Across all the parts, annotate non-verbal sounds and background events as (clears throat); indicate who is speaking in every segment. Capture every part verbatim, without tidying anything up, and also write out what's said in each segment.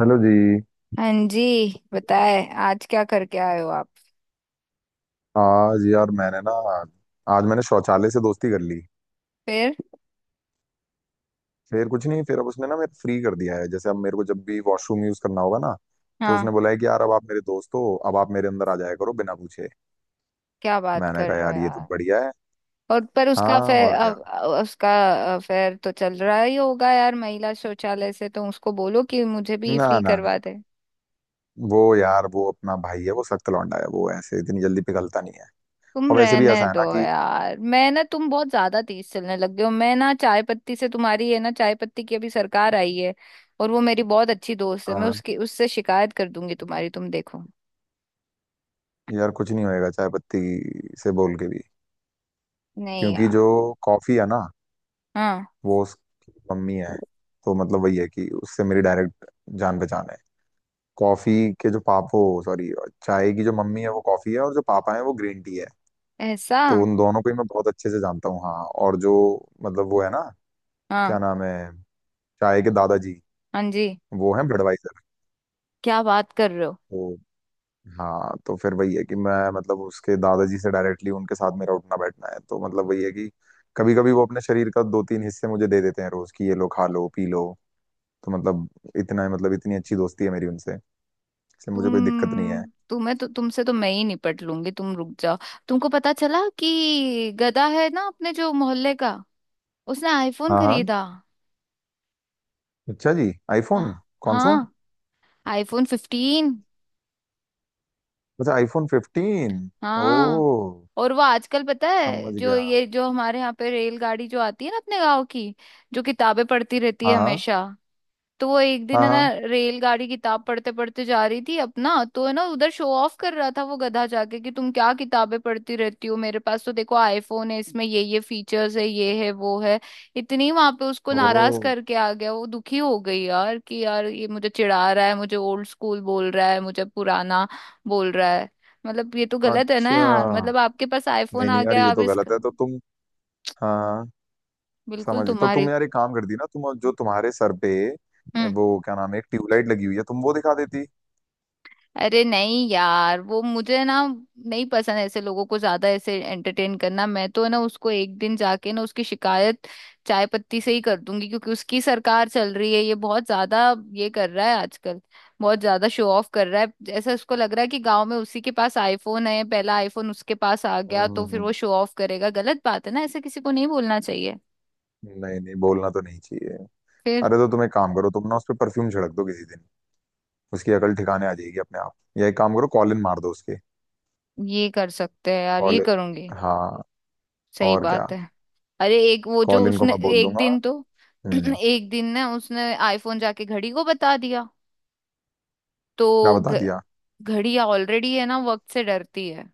Speaker 1: Hello जी।
Speaker 2: हाँ जी। बताए आज क्या करके आए हो आप?
Speaker 1: आज यार मैंने ना, आज मैंने शौचालय से दोस्ती कर ली।
Speaker 2: फिर?
Speaker 1: फिर कुछ नहीं। फिर अब उसने ना मेरे फ्री कर दिया है, जैसे अब मेरे को जब भी वॉशरूम यूज करना होगा ना, तो उसने
Speaker 2: हाँ।
Speaker 1: बोला है कि यार, अब आप मेरे दोस्त हो, अब आप मेरे अंदर आ जाया करो बिना पूछे।
Speaker 2: क्या बात
Speaker 1: मैंने
Speaker 2: कर
Speaker 1: कहा
Speaker 2: रहे हो
Speaker 1: यार ये तो
Speaker 2: यार?
Speaker 1: बढ़िया है।
Speaker 2: और पर उसका
Speaker 1: हाँ और क्या।
Speaker 2: अफेयर उसका अफेयर तो चल रहा ही होगा यार, महिला शौचालय से। तो उसको बोलो कि मुझे भी
Speaker 1: ना
Speaker 2: फ्री
Speaker 1: ना ना।
Speaker 2: करवा दे।
Speaker 1: वो यार, वो अपना भाई है, वो सख्त लौंडा है, वो ऐसे इतनी जल्दी पिघलता नहीं है।
Speaker 2: तुम
Speaker 1: और वैसे भी
Speaker 2: रहने
Speaker 1: ऐसा है
Speaker 2: दो
Speaker 1: ना कि
Speaker 2: यार, मैं ना, तुम बहुत ज्यादा तेज चलने लग गए हो। मैं ना चाय पत्ती से, तुम्हारी है ना, चाय पत्ती की अभी सरकार आई है। और वो मेरी बहुत अच्छी दोस्त है, मैं
Speaker 1: हाँ।
Speaker 2: उसकी उससे शिकायत कर दूंगी तुम्हारी, तुम देखो।
Speaker 1: यार कुछ नहीं होएगा चाय पत्ती से बोल के भी।
Speaker 2: नहीं
Speaker 1: क्योंकि जो
Speaker 2: यार।
Speaker 1: कॉफी है ना,
Speaker 2: हाँ।
Speaker 1: वो उसकी मम्मी है। तो मतलब वही है कि उससे मेरी डायरेक्ट जान पहचान है। कॉफी के जो पापो, सॉरी, चाय की जो मम्मी है वो कॉफी है और जो पापा है वो ग्रीन टी है।
Speaker 2: ऐसा।
Speaker 1: तो उन दोनों को ही मैं बहुत अच्छे से जानता हूँ। हाँ। और जो मतलब वो है ना, क्या
Speaker 2: हाँ,
Speaker 1: नाम है, चाय के दादाजी
Speaker 2: हाँ जी।
Speaker 1: वो है बडवाइजर।
Speaker 2: क्या बात कर रहे हो?
Speaker 1: तो हाँ, तो फिर वही है कि मैं मतलब उसके दादाजी से डायरेक्टली उनके साथ मेरा उठना बैठना है। तो मतलब वही है कि कभी कभी वो अपने शरीर का दो तीन हिस्से मुझे दे देते हैं रोज कि ये लो खा लो पी लो। तो मतलब इतना, मतलब इतनी अच्छी दोस्ती है मेरी उनसे। इसलिए मुझे कोई दिक्कत नहीं है।
Speaker 2: तुम तुम्हें तो तुमसे तो मैं ही निपट लूंगी, तुम रुक जाओ। तुमको पता चला कि गधा है ना अपने जो मोहल्ले का, उसने आईफोन
Speaker 1: हाँ हाँ।
Speaker 2: खरीदा।
Speaker 1: अच्छा जी, आईफोन
Speaker 2: हाँ,
Speaker 1: कौन सा।
Speaker 2: हाँ। IPhone fifteen.
Speaker 1: अच्छा आईफोन फिफ्टीन। ओ
Speaker 2: हाँ। और वो आजकल, पता है
Speaker 1: समझ
Speaker 2: जो,
Speaker 1: गया।
Speaker 2: ये जो हमारे यहाँ पे रेलगाड़ी जो आती है ना अपने गाँव की, जो किताबें पढ़ती रहती
Speaker 1: हाँ
Speaker 2: है
Speaker 1: हाँ।
Speaker 2: हमेशा, तो वो एक दिन
Speaker 1: हाँ
Speaker 2: है ना,
Speaker 1: हाँ।
Speaker 2: रेलगाड़ी किताब पढ़ते पढ़ते जा रही थी अपना, तो है ना उधर शो ऑफ कर रहा था वो गधा जाके, कि तुम क्या किताबें पढ़ती रहती हो, मेरे पास तो देखो आईफोन है, इसमें ये ये फीचर्स है, ये है वो है। इतनी वहां पे उसको नाराज
Speaker 1: ओ
Speaker 2: करके आ गया, वो दुखी हो गई यार, कि यार ये मुझे चिढ़ा रहा है, मुझे ओल्ड स्कूल बोल रहा है, मुझे पुराना बोल रहा है। मतलब ये तो गलत है ना
Speaker 1: अच्छा।
Speaker 2: यार, मतलब आपके पास आईफोन
Speaker 1: नहीं
Speaker 2: आ
Speaker 1: नहीं, यार
Speaker 2: गया
Speaker 1: ये
Speaker 2: आप
Speaker 1: तो
Speaker 2: इसका।
Speaker 1: गलत है। तो तुम, हाँ हाँ,
Speaker 2: बिल्कुल
Speaker 1: समझ। तो
Speaker 2: तुम्हारी।
Speaker 1: तुम यार एक काम करती ना, तुम जो तुम्हारे सर पे
Speaker 2: हम्म।
Speaker 1: वो क्या नाम है, एक ट्यूबलाइट लगी हुई है, तुम वो दिखा देती।
Speaker 2: अरे नहीं यार, वो मुझे ना नहीं पसंद ऐसे लोगों को ज्यादा ऐसे एंटरटेन करना। मैं तो ना उसको एक दिन जाके ना उसकी शिकायत चाय पत्ती से ही कर दूंगी, क्योंकि उसकी सरकार चल रही है। ये बहुत ज्यादा ये कर रहा है आजकल, बहुत ज्यादा शो ऑफ कर रहा है। ऐसा उसको लग रहा है कि गांव में उसी के पास आईफोन है, पहला आईफोन उसके पास आ गया
Speaker 1: हम्म
Speaker 2: तो
Speaker 1: हम्म,
Speaker 2: फिर वो
Speaker 1: हम्म।
Speaker 2: शो ऑफ करेगा। गलत बात है ना, ऐसे किसी को नहीं बोलना चाहिए।
Speaker 1: नहीं नहीं, बोलना तो नहीं चाहिए।
Speaker 2: फिर?
Speaker 1: अरे तो तुम एक काम करो, तुम ना उस पर परफ्यूम छिड़क दो किसी दिन, उसकी अकल ठिकाने आ जाएगी अपने आप। या एक काम करो, कॉलिन मार दो उसके।
Speaker 2: ये कर सकते हैं यार, ये
Speaker 1: कॉलिन,
Speaker 2: करूंगी।
Speaker 1: हाँ
Speaker 2: सही
Speaker 1: और क्या।
Speaker 2: बात है। अरे एक वो जो
Speaker 1: कॉलिन को
Speaker 2: उसने
Speaker 1: मैं बोल
Speaker 2: एक
Speaker 1: दूंगा।
Speaker 2: दिन तो
Speaker 1: हम्म।
Speaker 2: (clears throat) एक दिन ना उसने आईफोन जाके घड़ी को बता दिया।
Speaker 1: क्या
Speaker 2: तो
Speaker 1: बता
Speaker 2: घ,
Speaker 1: दिया।
Speaker 2: घड़ी ऑलरेडी है ना वक्त से डरती है,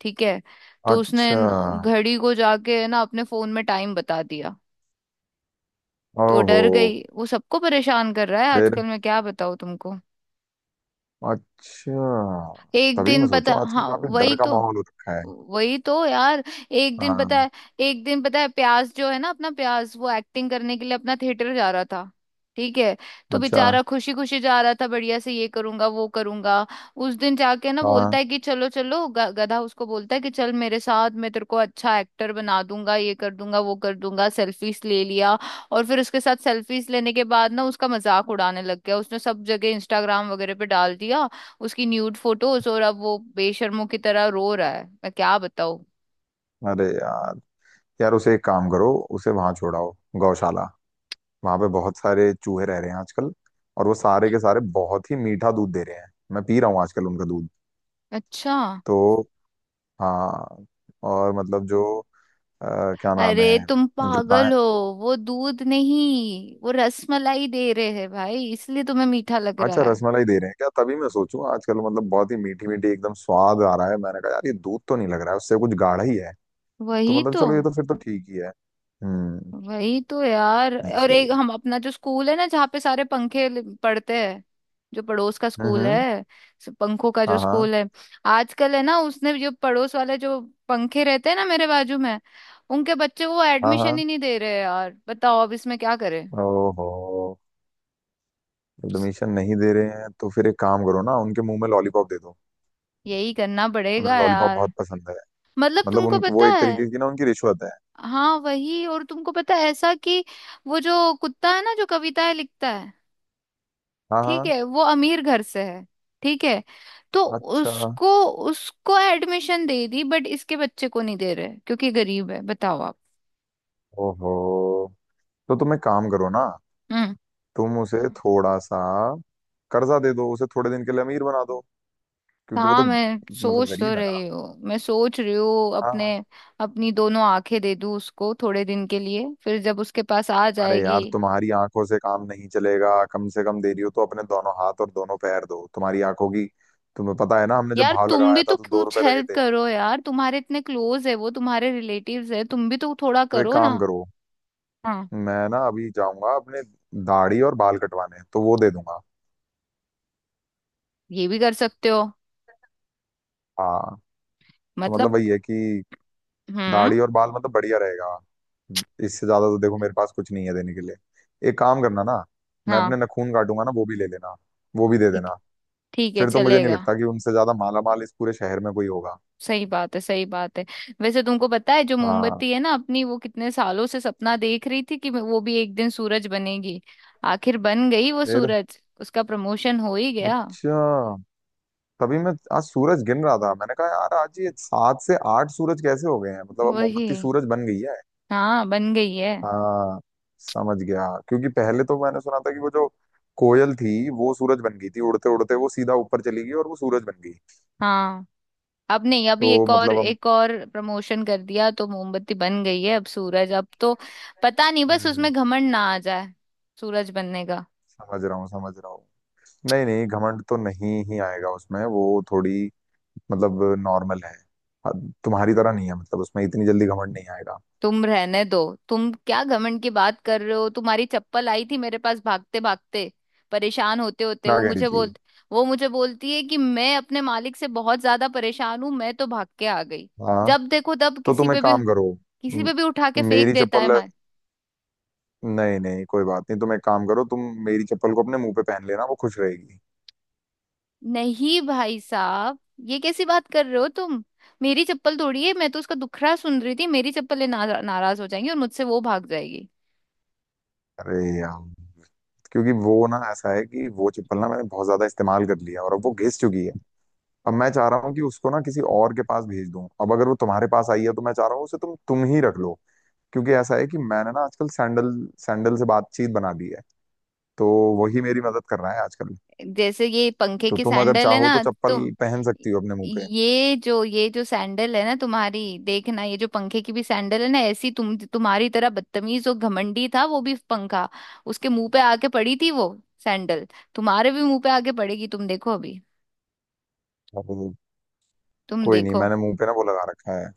Speaker 2: ठीक है? तो उसने
Speaker 1: अच्छा।
Speaker 2: न- घड़ी को जाके, है ना, अपने फोन में टाइम बता दिया तो
Speaker 1: ओहो।
Speaker 2: डर गई वो। सबको परेशान कर रहा है
Speaker 1: फिर।
Speaker 2: आजकल, मैं क्या बताऊँ तुमको।
Speaker 1: अच्छा,
Speaker 2: एक
Speaker 1: तभी मैं
Speaker 2: दिन पता,
Speaker 1: सोचूं आजकल
Speaker 2: हाँ
Speaker 1: काफी डर
Speaker 2: वही
Speaker 1: का
Speaker 2: तो,
Speaker 1: माहौल हो रखा है।
Speaker 2: वही तो यार। एक दिन पता
Speaker 1: हाँ।
Speaker 2: है एक दिन पता है, प्यास जो है ना अपना, प्यास वो एक्टिंग करने के लिए अपना थिएटर जा रहा था, ठीक है? तो
Speaker 1: अच्छा।
Speaker 2: बेचारा खुशी खुशी जा रहा था, बढ़िया से ये करूंगा वो करूंगा। उस दिन जाके ना बोलता
Speaker 1: हाँ।
Speaker 2: है कि चलो चलो, ग- गधा उसको बोलता है कि चल मेरे साथ, मैं तेरे को अच्छा एक्टर बना दूंगा, ये कर दूंगा वो कर दूंगा, सेल्फीज ले लिया। और फिर उसके साथ सेल्फीज लेने के बाद ना उसका मजाक उड़ाने लग गया। उसने सब जगह इंस्टाग्राम वगैरह पे डाल दिया उसकी न्यूड फोटोज। और अब वो बेशर्मों की तरह रो रहा है, मैं क्या बताऊं।
Speaker 1: अरे यार, यार उसे एक काम करो, उसे वहां छोड़ाओ गौशाला। वहां पे बहुत सारे चूहे रह रहे हैं आजकल, और वो सारे के सारे बहुत ही मीठा दूध दे रहे हैं, मैं पी रहा हूँ आजकल उनका दूध।
Speaker 2: अच्छा।
Speaker 1: तो हाँ। और मतलब जो अ, क्या नाम
Speaker 2: अरे
Speaker 1: है,
Speaker 2: तुम
Speaker 1: जो गाय।
Speaker 2: पागल हो, वो दूध नहीं वो रसमलाई दे रहे हैं भाई, इसलिए तुम्हें मीठा लग
Speaker 1: हाँ, अच्छा,
Speaker 2: रहा है।
Speaker 1: रसमलाई दे रहे हैं क्या, तभी मैं सोचूं आजकल मतलब बहुत ही मीठी मीठी एकदम स्वाद आ रहा है। मैंने कहा यार ये दूध तो नहीं लग रहा है, उससे कुछ गाढ़ा ही है। तो
Speaker 2: वही
Speaker 1: मतलब
Speaker 2: तो।
Speaker 1: चलो ये तो फिर तो ठीक ही है। हम्म।
Speaker 2: वही तो यार।
Speaker 1: नहीं
Speaker 2: और
Speaker 1: सही है।
Speaker 2: एक हम अपना जो स्कूल है ना जहाँ पे सारे पंखे ल- पड़ते हैं, जो पड़ोस का
Speaker 1: हम्म
Speaker 2: स्कूल
Speaker 1: हम्म।
Speaker 2: है, स- पंखों का जो
Speaker 1: हाँ हाँ।
Speaker 2: स्कूल है, आजकल है ना उसने, जो पड़ोस वाले जो पंखे रहते हैं ना मेरे बाजू में, उनके बच्चे को
Speaker 1: हाँ हाँ।
Speaker 2: एडमिशन ही नहीं दे रहे यार, बताओ अब इसमें क्या करें।
Speaker 1: ओहो। एडमिशन नहीं दे रहे हैं तो फिर एक काम करो ना, उनके मुंह में लॉलीपॉप दे दो।
Speaker 2: यही करना
Speaker 1: उन्हें
Speaker 2: पड़ेगा
Speaker 1: लॉलीपॉप
Speaker 2: यार,
Speaker 1: बहुत पसंद है।
Speaker 2: मतलब
Speaker 1: मतलब
Speaker 2: तुमको
Speaker 1: उनको
Speaker 2: पता
Speaker 1: वो एक
Speaker 2: है।
Speaker 1: तरीके की ना, उनकी रिश्वत है।
Speaker 2: हाँ वही। और तुमको पता है ऐसा कि वो जो कुत्ता है ना जो कविताएं लिखता है,
Speaker 1: हाँ
Speaker 2: ठीक
Speaker 1: हाँ।
Speaker 2: है, वो अमीर घर से है, ठीक है। तो
Speaker 1: अच्छा।
Speaker 2: उसको उसको एडमिशन दे दी, बट इसके बच्चे को नहीं दे रहे क्योंकि गरीब है, बताओ आप।
Speaker 1: ओहो। तो तुम एक काम करो ना,
Speaker 2: हम्म।
Speaker 1: तुम उसे थोड़ा सा कर्जा दे दो, उसे थोड़े दिन के लिए अमीर बना दो। क्योंकि वो तो
Speaker 2: हाँ मैं
Speaker 1: मतलब
Speaker 2: सोच तो
Speaker 1: गरीब है ना।
Speaker 2: रही हूँ, मैं सोच रही हूँ अपने,
Speaker 1: हाँ।
Speaker 2: अपनी दोनों आंखें दे दूँ उसको थोड़े दिन के लिए, फिर जब उसके पास आ
Speaker 1: अरे
Speaker 2: जाएगी।
Speaker 1: यार, तुम्हारी आंखों से काम नहीं चलेगा, कम से कम दे रही हो तो अपने दोनों हाथ और दोनों पैर दो। तुम्हारी आंखों की तुम्हें पता है ना, हमने जब
Speaker 2: यार
Speaker 1: भाव
Speaker 2: तुम भी
Speaker 1: लगाया था
Speaker 2: तो
Speaker 1: तो दो
Speaker 2: कुछ
Speaker 1: रुपए लगे
Speaker 2: हेल्प
Speaker 1: थे।
Speaker 2: करो यार, तुम्हारे इतने क्लोज है वो, तुम्हारे रिलेटिव्स है, तुम भी तो थोड़ा
Speaker 1: तो एक
Speaker 2: करो
Speaker 1: काम
Speaker 2: ना।
Speaker 1: करो,
Speaker 2: हाँ
Speaker 1: मैं ना अभी जाऊंगा अपने दाढ़ी और बाल कटवाने तो वो दे दूंगा।
Speaker 2: ये भी कर सकते हो,
Speaker 1: हाँ। तो
Speaker 2: मतलब।
Speaker 1: मतलब वही है कि
Speaker 2: हम्म।
Speaker 1: दाढ़ी और बाल मतलब बढ़िया रहेगा। इससे ज्यादा तो देखो मेरे पास कुछ नहीं है देने के लिए। एक काम करना ना, मैं अपने
Speaker 2: हाँ,
Speaker 1: नखून काटूंगा ना, वो भी ले लेना, वो भी दे
Speaker 2: ठीक,
Speaker 1: देना।
Speaker 2: ठीक है,
Speaker 1: फिर तो मुझे नहीं
Speaker 2: चलेगा।
Speaker 1: लगता कि उनसे ज्यादा माला माल इस पूरे शहर में कोई होगा।
Speaker 2: सही बात है, सही बात है। वैसे तुमको पता है जो
Speaker 1: हाँ।
Speaker 2: मोमबत्ती है ना अपनी, वो कितने सालों से सपना देख रही थी कि मैं- वो भी एक दिन सूरज बनेगी। आखिर बन गई वो
Speaker 1: फिर।
Speaker 2: सूरज, उसका प्रमोशन हो ही गया।
Speaker 1: अच्छा, तभी मैं आज सूरज गिन रहा था, मैंने कहा यार आज ये सात से आठ सूरज कैसे हो गए हैं, मतलब अब
Speaker 2: वही।
Speaker 1: मोमबत्ती सूरज बन गई है।
Speaker 2: हाँ बन गई है।
Speaker 1: हाँ। समझ गया, क्योंकि पहले तो मैंने सुना था कि वो जो कोयल थी वो सूरज बन गई थी, उड़ते उड़ते वो सीधा ऊपर चली गई और वो सूरज बन गई।
Speaker 2: हाँ। अब नहीं, अभी
Speaker 1: तो
Speaker 2: एक और,
Speaker 1: मतलब हम।
Speaker 2: एक और प्रमोशन कर दिया तो मोमबत्ती बन गई है अब सूरज, अब तो पता नहीं बस
Speaker 1: हम्म।
Speaker 2: उसमें घमंड ना आ जाए सूरज बनने का।
Speaker 1: समझ रहा हूँ, समझ रहा हूँ। नहीं नहीं, घमंड तो नहीं ही आएगा उसमें, वो थोड़ी, मतलब, नॉर्मल है। अब तुम्हारी तरह नहीं है, मतलब उसमें इतनी जल्दी घमंड नहीं आएगा।
Speaker 2: तुम रहने दो, तुम क्या घमंड की बात कर रहे हो? तुम्हारी चप्पल आई थी मेरे पास भागते भागते, परेशान होते होते,
Speaker 1: क्या
Speaker 2: वो
Speaker 1: कह रही
Speaker 2: मुझे
Speaker 1: थी।
Speaker 2: बोल, वो मुझे बोलती है कि मैं अपने मालिक से बहुत ज्यादा परेशान हूं, मैं तो भाग के आ गई।
Speaker 1: हाँ।
Speaker 2: जब देखो तब
Speaker 1: तो
Speaker 2: किसी
Speaker 1: तुम
Speaker 2: पे
Speaker 1: एक
Speaker 2: भी,
Speaker 1: काम करो,
Speaker 2: किसी
Speaker 1: म-
Speaker 2: पे भी उठा के
Speaker 1: मेरी
Speaker 2: फेंक देता है
Speaker 1: चप्पल।
Speaker 2: मार।
Speaker 1: नहीं नहीं, कोई बात नहीं, तुम एक काम करो, तुम मेरी चप्पल को अपने मुंह पे पहन लेना वो खुश रहेगी।
Speaker 2: नहीं भाई साहब, ये कैसी बात कर रहे हो तुम? मेरी चप्पल तोड़ी है, मैं तो उसका दुखड़ा सुन रही थी, मेरी चप्पलें नारा- नाराज हो जाएंगी और मुझसे वो भाग जाएगी।
Speaker 1: अरे यार, क्योंकि वो ना ऐसा है कि वो चप्पल ना मैंने बहुत ज्यादा इस्तेमाल कर लिया और अब वो घिस चुकी है। अब मैं चाह रहा हूँ कि उसको ना किसी और के पास भेज दूं। अब अगर वो तुम्हारे पास आई है तो मैं चाह रहा हूँ उसे तुम तुम ही रख लो। क्योंकि ऐसा है कि मैंने ना आजकल सैंडल सैंडल से बातचीत बना दी है। तो वही मेरी मदद कर रहा है आजकल।
Speaker 2: जैसे ये पंखे
Speaker 1: तो
Speaker 2: की
Speaker 1: तुम अगर
Speaker 2: सैंडल है
Speaker 1: चाहो तो
Speaker 2: ना
Speaker 1: चप्पल
Speaker 2: तुम,
Speaker 1: पहन सकती हो अपने मुंह पे।
Speaker 2: ये जो ये जो सैंडल है ना तुम्हारी, देखना, ये जो पंखे की भी सैंडल है ना, ऐसी, तुम तुम्हारी तरह बदतमीज और घमंडी था वो भी पंखा, उसके मुंह पे आके पड़ी थी वो सैंडल, तुम्हारे भी मुंह पे आके पड़ेगी, तुम देखो अभी,
Speaker 1: और
Speaker 2: तुम
Speaker 1: कोई नहीं,
Speaker 2: देखो।
Speaker 1: मैंने मुंह पे ना वो लगा रखा है,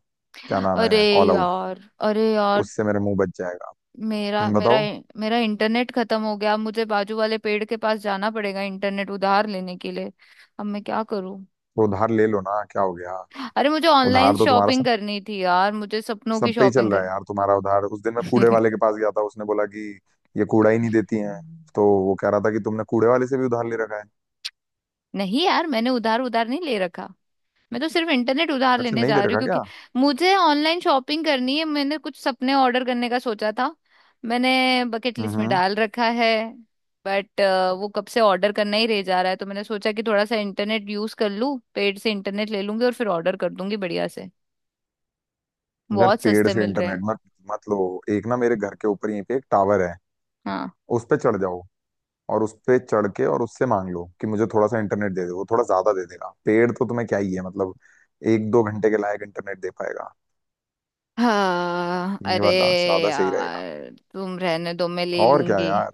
Speaker 1: क्या नाम
Speaker 2: अरे
Speaker 1: है, ऑल आउट।
Speaker 2: यार, अरे यार,
Speaker 1: उससे मेरे मुंह बच जाएगा।
Speaker 2: मेरा
Speaker 1: हम्म,
Speaker 2: मेरा
Speaker 1: बताओ।
Speaker 2: मेरा इंटरनेट खत्म हो गया, मुझे बाजू वाले पेड़ के पास जाना पड़ेगा इंटरनेट उधार लेने के लिए। अब मैं क्या करूं?
Speaker 1: तो उधार ले लो ना, क्या हो गया।
Speaker 2: अरे मुझे ऑनलाइन
Speaker 1: उधार तो तुम्हारा
Speaker 2: शॉपिंग
Speaker 1: सब
Speaker 2: करनी थी यार, मुझे सपनों की
Speaker 1: सब पे ही चल
Speaker 2: शॉपिंग
Speaker 1: रहा है
Speaker 2: करनी।
Speaker 1: यार, तुम्हारा उधार, उस दिन मैं कूड़े वाले के पास गया था, उसने बोला कि ये कूड़ा ही नहीं देती हैं। तो
Speaker 2: (laughs)
Speaker 1: वो कह रहा था कि तुमने कूड़े वाले से भी उधार ले रखा है।
Speaker 2: नहीं यार, मैंने उधार उधार नहीं ले रखा। मैं तो सिर्फ इंटरनेट उधार
Speaker 1: अच्छा,
Speaker 2: लेने
Speaker 1: नहीं ले
Speaker 2: जा रही हूँ
Speaker 1: रखा
Speaker 2: क्योंकि
Speaker 1: क्या।
Speaker 2: मुझे ऑनलाइन शॉपिंग करनी है, मैंने कुछ सपने ऑर्डर करने का सोचा था। मैंने बकेट
Speaker 1: हम्म
Speaker 2: लिस्ट में
Speaker 1: हम्म।
Speaker 2: डाल रखा है, बट वो कब से ऑर्डर करना ही रह जा रहा है, तो मैंने सोचा कि थोड़ा सा इंटरनेट यूज कर लूँ, पेड से इंटरनेट ले लूंगी और फिर ऑर्डर कर दूंगी बढ़िया से।
Speaker 1: यार
Speaker 2: बहुत
Speaker 1: पेड़
Speaker 2: सस्ते
Speaker 1: से
Speaker 2: मिल रहे
Speaker 1: इंटरनेट
Speaker 2: हैं।
Speaker 1: मत मत लो। एक ना मेरे घर के ऊपर यहीं पे एक टावर है,
Speaker 2: हाँ।
Speaker 1: उस पे चढ़ जाओ, और उस पे चढ़ के और उससे मांग लो कि मुझे थोड़ा सा इंटरनेट दे दो, वो थोड़ा ज्यादा दे देगा। पेड़ तो तुम्हें क्या ही है, मतलब एक दो घंटे के लायक इंटरनेट दे पाएगा।
Speaker 2: हाँ
Speaker 1: ये
Speaker 2: अरे
Speaker 1: वाला ज्यादा सही रहेगा।
Speaker 2: यार, तुम रहने दो मैं ले
Speaker 1: और क्या
Speaker 2: लूंगी।
Speaker 1: यार।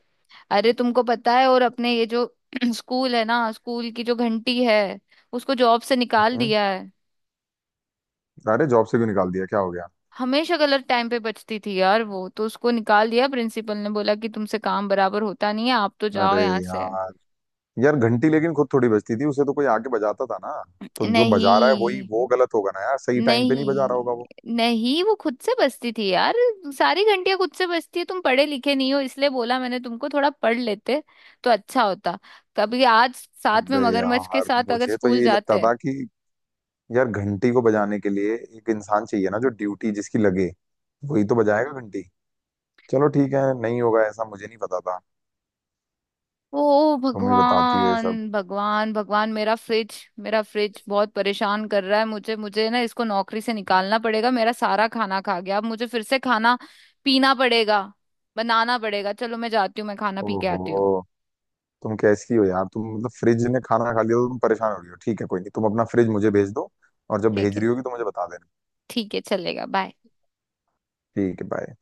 Speaker 2: अरे तुमको पता है और अपने ये जो (clears throat) स्कूल है ना, स्कूल की जो घंटी है, उसको जॉब से निकाल
Speaker 1: हम्म।
Speaker 2: दिया है।
Speaker 1: अरे जॉब से क्यों निकाल दिया, क्या हो गया।
Speaker 2: हमेशा गलत टाइम पे बजती थी यार वो, तो उसको निकाल दिया प्रिंसिपल ने, बोला कि तुमसे काम बराबर होता नहीं है, आप तो जाओ
Speaker 1: अरे
Speaker 2: यहाँ से।
Speaker 1: यार, यार घंटी लेकिन खुद थोड़ी बजती थी, उसे तो कोई आके बजाता था ना। तो जो बजा रहा है वही
Speaker 2: नहीं,
Speaker 1: वो गलत होगा ना, यार सही टाइम पे नहीं बजा रहा होगा
Speaker 2: नहीं,
Speaker 1: वो।
Speaker 2: नहीं, वो खुद से बसती थी यार। सारी घंटियां खुद से बसती है, तुम पढ़े लिखे नहीं हो इसलिए बोला मैंने, तुमको थोड़ा पढ़ लेते तो अच्छा होता, कभी आज साथ में
Speaker 1: अबे
Speaker 2: मगरमच्छ के
Speaker 1: यार,
Speaker 2: साथ अगर
Speaker 1: मुझे तो
Speaker 2: स्कूल
Speaker 1: यही लगता
Speaker 2: जाते
Speaker 1: था कि यार घंटी को बजाने के लिए एक इंसान चाहिए ना, जो ड्यूटी जिसकी लगे वही तो बजाएगा घंटी। चलो ठीक है, नहीं होगा ऐसा, मुझे नहीं पता था।
Speaker 2: तो। ओ
Speaker 1: तुम ही बताती हो ये
Speaker 2: भगवान,
Speaker 1: सब।
Speaker 2: भगवान, भगवान, मेरा फ्रिज, मेरा फ्रिज बहुत परेशान कर रहा है मुझे, मुझे ना इसको नौकरी से निकालना पड़ेगा, मेरा सारा खाना खा गया, अब मुझे फिर से खाना पीना पड़ेगा, बनाना पड़ेगा। चलो मैं जाती हूँ, मैं खाना पी के आती
Speaker 1: ओहो।
Speaker 2: हूँ।
Speaker 1: तुम कैसी हो यार, तुम मतलब फ्रिज ने खाना खा लिया तो तुम परेशान हो रही हो। ठीक है, कोई नहीं, तुम अपना फ्रिज मुझे भेज दो, और जब
Speaker 2: ठीक
Speaker 1: भेज
Speaker 2: है।
Speaker 1: रही होगी तो मुझे बता देना।
Speaker 2: ठीक है, चलेगा। बाय।
Speaker 1: ठीक है, बाय।